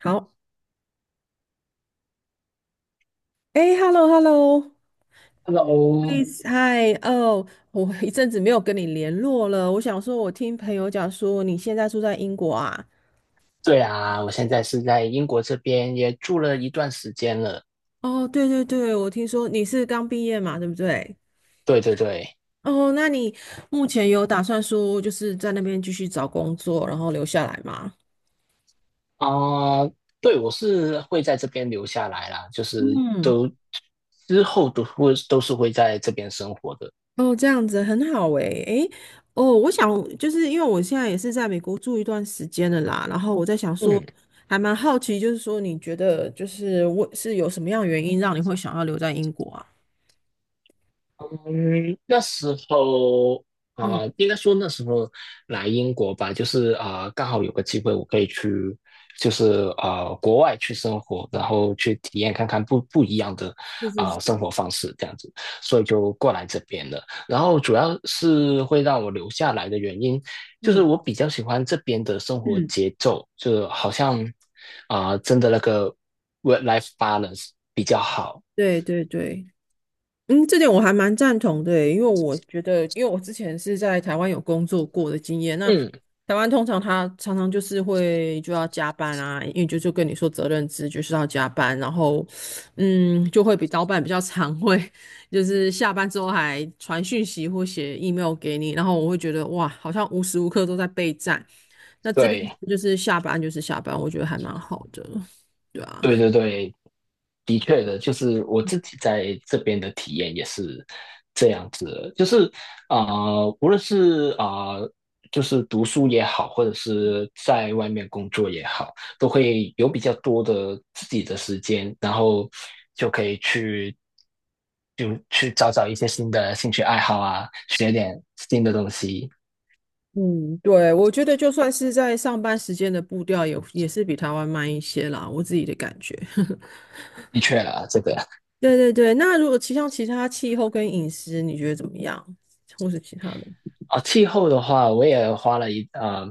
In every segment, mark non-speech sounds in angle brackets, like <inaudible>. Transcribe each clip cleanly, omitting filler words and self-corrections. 好，哎，hello，hello，Hello，嗨，哦，我一阵子没有跟你联络了。我想说，我听朋友讲说你现在住在英国啊？对啊，我现在是在英国这边，也住了一段时间了。哦，对对对，我听说你是刚毕业嘛，对不对？对对对，哦，那你目前有打算说就是在那边继续找工作，然后留下来吗？啊、对，我是会在这边留下来啦，就是嗯之后都是会在这边生活的。哦，这样子很好诶，诶，哦，我想就是因为我现在也是在美国住一段时间了啦，然后我在想说，嗯，还蛮好奇，就是说你觉得就是我是有什么样的原因让你会想要留在英国啊？嗯，那时候嗯，啊、呃应该说那时候来英国吧，就是刚好有个机会，我可以去，就是国外去生活，然后去体验看看不一样的是是生是，活方式这样子，所以就过来这边了。然后主要是会让我留下来的原因，就是嗯我比较喜欢这边的生活嗯，节奏，就好像真的那个 work-life balance 比较好。对对对。嗯，这点我还蛮赞同的耶因为我觉得，因为我之前是在台湾有工作过的经验，那嗯，台湾通常他常常就是会就要加班啊，因为就跟你说责任制就是要加班，然后嗯，就会比老板比较常会就是下班之后还传讯息或写 email 给你，然后我会觉得哇，好像无时无刻都在备战。那这边对，就是下班就是下班，我觉得还蛮好的。对对对。的确的，就是我自己在这边的体验也是这样子的，就是啊、无论是就是读书也好，或者是在外面工作也好，都会有比较多的自己的时间，然后就可以去就去找找一些新的兴趣爱好啊，学点新的东西。嗯，对，我觉得就算是在上班时间的步调也是比台湾慢一些啦，我自己的感觉。<laughs> 的确啦，这个对对对，那如果像其他气候跟饮食，你觉得怎么样？或是其他的？哦，气候的话，我也花了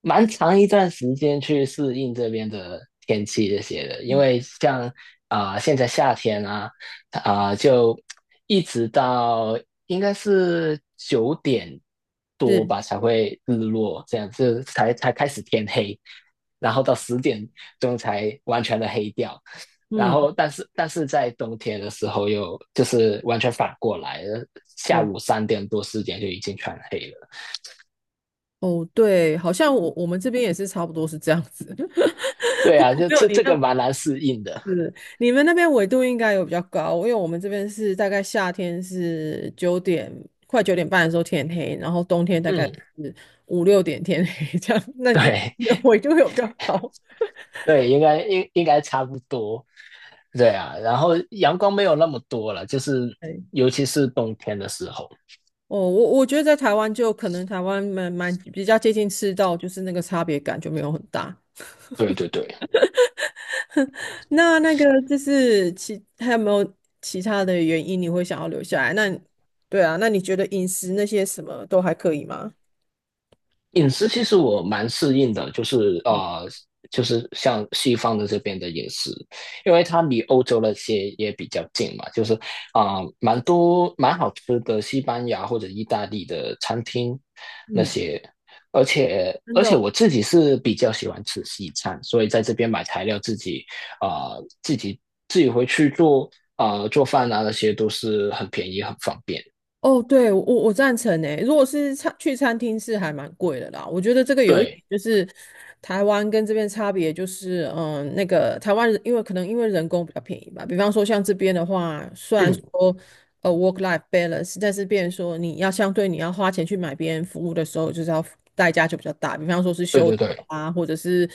蛮长一段时间去适应这边的天气这些的，因为像现在夏天啊，就一直到应该是9点多是，吧才会日落，这样就才开始天黑，然后到10点钟才完全的黑掉，然嗯，后但是在冬天的时候又就是完全反过来，下对，午3点多4点就已经全黑了。哦，对，好像我们这边也是差不多是这样子，<laughs> 对不啊，过就没有这你这那个么。蛮难适应的。是，你们那边纬度应该有比较高，因为我们这边是大概夏天是快9点半的时候天黑，然后冬天大概嗯，是5、6点天黑这样。那你对 们纬度有比较高？<laughs> 对，应该差不多。对啊，然后阳光没有那么多了，就是 <laughs> 哎，尤其是冬天的时候。哦，我觉得在台湾就可能台湾蛮比较接近赤道，就是那个差别感就没有很大。对对对，那个就是还有没有其他的原因你会想要留下来？那对啊，那你觉得饮食那些什么都还可以吗？饮食其实我蛮适应的，就是就是像西方的这边的饮食，因为它离欧洲那些也比较近嘛，就是蛮多蛮好吃的西班牙或者意大利的餐厅那嗯，些，而且真而的且哦我自己是比较喜欢吃西餐，所以在这边买材料啊、呃自己自己回去做做饭啊那些都是很便宜很方便，哦，对，我赞成诶。如果是去餐厅是还蛮贵的啦。我觉得这个有一点对，就是台湾跟这边差别就是，嗯，那个台湾人因为可能因为人工比较便宜吧。比方说像这边的话，虽然 <clears throat> 说work life balance，但是变成说你要相对你要花钱去买别人服务的时候，就是要代价就比较大。比方说是对修对车对，啊，或者是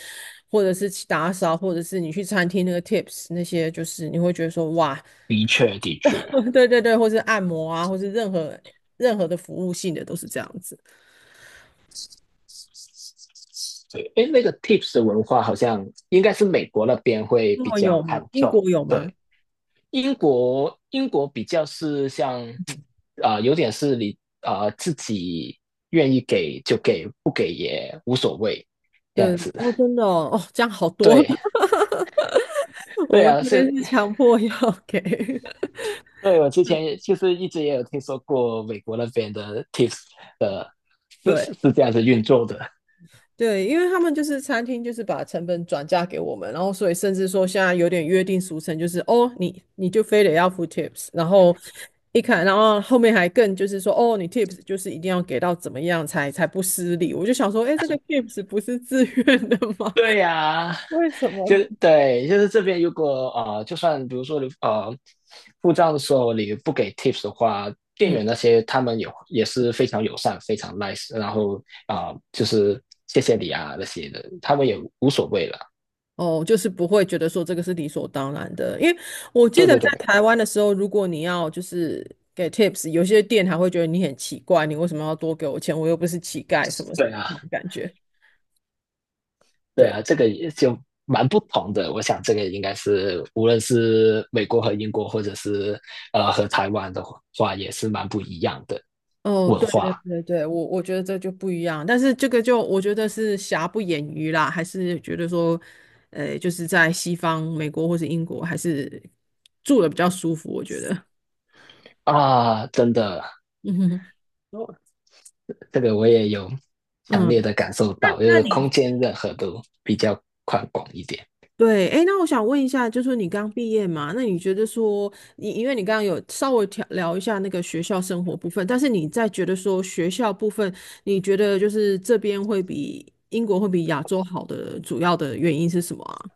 去打扫，或者是你去餐厅那个 tips 那些，就是你会觉得说哇。的确的确。<laughs> 对对对，或是按摩啊，或是任何的服务性的都是这样子。对，哎，那个 tips 的文化好像应该是美国那边会英比国较有看吗？英重，国有吗？对，英国比较是像有点是你自己愿意给就给，不给也无所谓这样对，子。哦，真的哦，哦，这样好多了。对，<laughs> 我对们啊，这边是，是强迫要给，对我之前也就是一直也有听说过美国那边的 tips 的、<laughs> 是是对是这样子运作的，对，因为他们就是餐厅，就是把成本转嫁给我们，然后所以甚至说现在有点约定俗成，就是哦，你就非得要付 tips，然后一看，然后后面还更就是说哦，你 tips 就是一定要给到怎么样才不失礼。我就想说，哎，这个 tips 不是自愿的 <laughs> 吗？对呀、<laughs> 为什就么？对，就是这边如果呃，就算比如说你付账的时候你不给 tips 的话，店嗯，员那些他们也是非常友善、非常 nice，然后就是谢谢你啊那些的，他们也无所谓了。哦，就是不会觉得说这个是理所当然的，因为我记对得对在对，台湾的时候，如果你要就是给 tips，有些店还会觉得你很奇怪，你为什么要多给我钱？我又不是乞丐，什么什对么啊，那种感觉。对对，啊，这个也就蛮不同的。我想这个应该是无论是美国和英国，或者是和台湾的话，也是蛮不一样的哦，文对对化对对，我觉得这就不一样，但是这个就我觉得是瑕不掩瑜啦，还是觉得说，就是在西方美国或是英国还是住的比较舒服，我觉得，啊，真的。<laughs> 嗯哼这个我也有强烈嗯。的感受到，就是空间任何都比较宽广一点。对，哎，那我想问一下，就是你刚毕业嘛，那你觉得说，你因为你刚刚有稍微聊一下那个学校生活部分，但是你在觉得说学校部分，你觉得就是这边会比亚洲好的主要的原因是什么啊？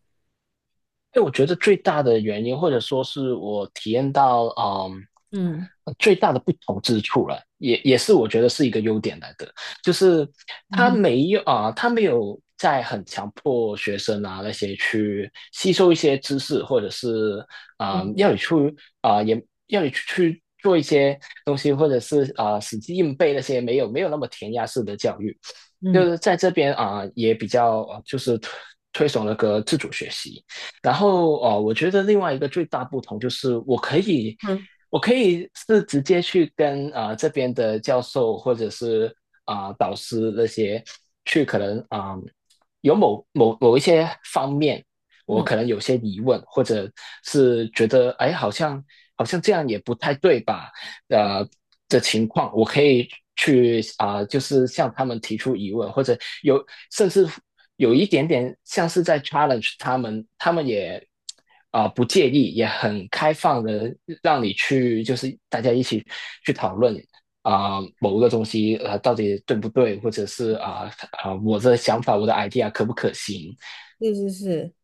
因为我觉得最大的原因，或者说是我体验到，嗯，嗯最大的不同之处了，也是我觉得是一个优点来的，就是嗯他哼没有啊、他没有在很强迫学生啊那些去吸收一些知识，或者是嗯要你去也要你去做一些东西，或者是死记硬背那些没有那么填鸭式的教育，就嗯是在这边也比较就是推崇那个自主学习。然后哦，我觉得另外一个最大不同就是我可以是直接去跟这边的教授或者是导师那些去可能有某一些方面，嗯，我嗯，可能有些疑问，或者是觉得哎好像这样也不太对吧？呃的情况，我可以去就是向他们提出疑问，或者有甚至有一点点像是在 challenge 他们，他们也不介意，也很开放的让你去，就是大家一起去讨论某个东西到底对不对，或者是我的想法我的 idea 可不可行？是是是。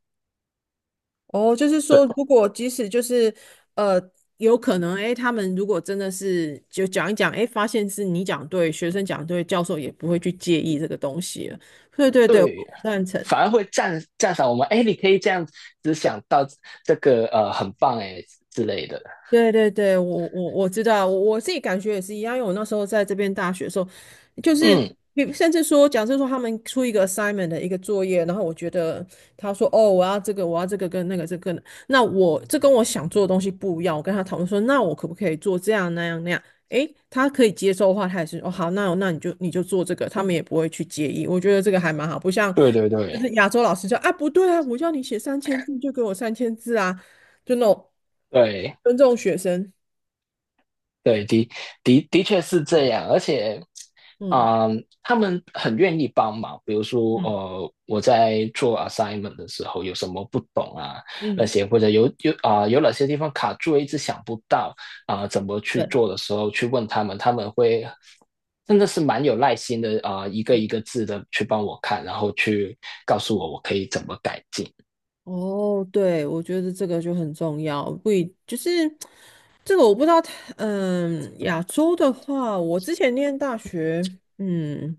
哦，就是对说，如果即使就是呃，有可能，哎，他们如果真的是就讲一讲，哎，发现是你讲对，学生讲对，教授也不会去介意这个东西了。对对对，我对，赞成。反而会赞赏我们，哎，你可以这样子想到这个很棒哎之类的。对对对，我知道，我自己感觉也是一样，因为我那时候在这边大学的时候，就是嗯，甚至说，假设说他们出一个 assignment 的一个作业，然后我觉得他说哦，我要这个，我要这个跟那个这个跟，那我这跟我想做的东西不一样，我跟他讨论说，那我可不可以做这样那样那样？诶，他可以接受的话，他也是哦好，那你就做这个，他们也不会去介意，我觉得这个还蛮好，不像对对就对是亚洲老师说啊不对啊，我叫你写三千字就给我三千字啊。就那种对尊重学生。对，的确是这样，而且，嗯嗯，他们很愿意帮忙。比如说，嗯我在做 assignment 的时候有什么不懂啊，那嗯，些或者有哪些地方卡住，一直想不到怎么去对，做的时候，去问他们，他们会真的是蛮有耐心的一个嗯一个字的去帮我看，然后去告诉我我可以怎么改进。哦，对，我觉得这个就很重要，不一就是这个我不知道它嗯，亚洲的话，我之前念大学，嗯，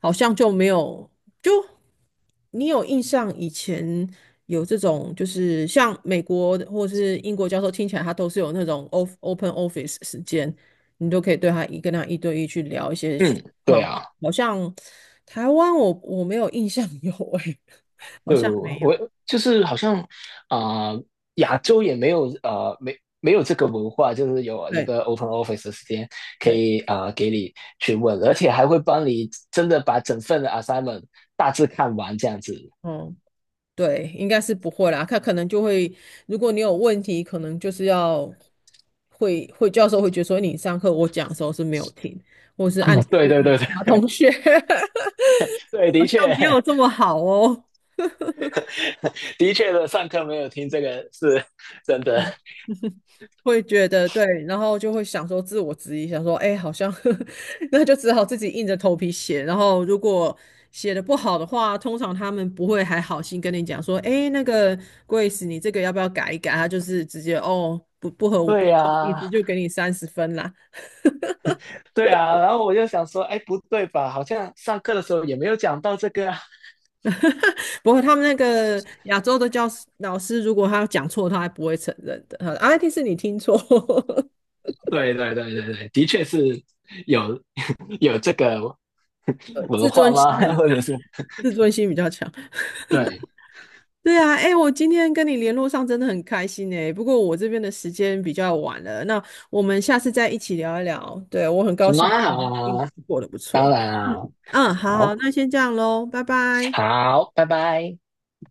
好像就没有，就你有印象以前有这种，就是像美国的或者是英国教授，听起来他都是有那种 open office 时间，你都可以对他一跟他一对一去聊一些情嗯，对况。啊。好像台湾我没有印象有诶、<laughs> 好对，像没我有。我就是好像啊、呃亚洲也没有没有这个文化，就是有一对个 open office 的时间可对，以给你去问，而且还会帮你真的把整份的 assignment 大致看完这样子。哦、对，应该是不会啦。他可能就会，如果你有问题，可能就是要会教授会觉得说你上课我讲的时候是没有听，或是按啊，你 <laughs> 对去对问对对 其他同学，<laughs> <laughs> 对，好的像确，没有这么好哦。<laughs> 的确的，上课没有听这个是真的。会觉得对，然后就会想说自我质疑，想说，哎，好像 <laughs> 那就只好自己硬着头皮写。然后如果写的不好的话，通常他们不会还好心跟你讲说，哎，那个 Grace，你这个要不要改一改？他就是直接哦，不合我对不好意思，呀、就给你30分啦。对呀，然后我就想说，哎，不对吧？好像上课的时候也没有讲到这个啊。不过他们那个亚洲的老师，如果他讲错，他还不会承认的。他说啊，一定是你听错，对对对对对，的确是有 <laughs> 有这个 <laughs> 文自化尊心吗？<laughs> 很，或者是自尊心比较强。对，对啊，哎，我今天跟你联络上真的很开心哎。不过我这边的时间比较晚了，那我们下次再一起聊一聊。对，我很高好兴啊，好你啊过得不当错。然嗯啊，嗯，好好，好，那先这样喽，拜拜。好，拜拜。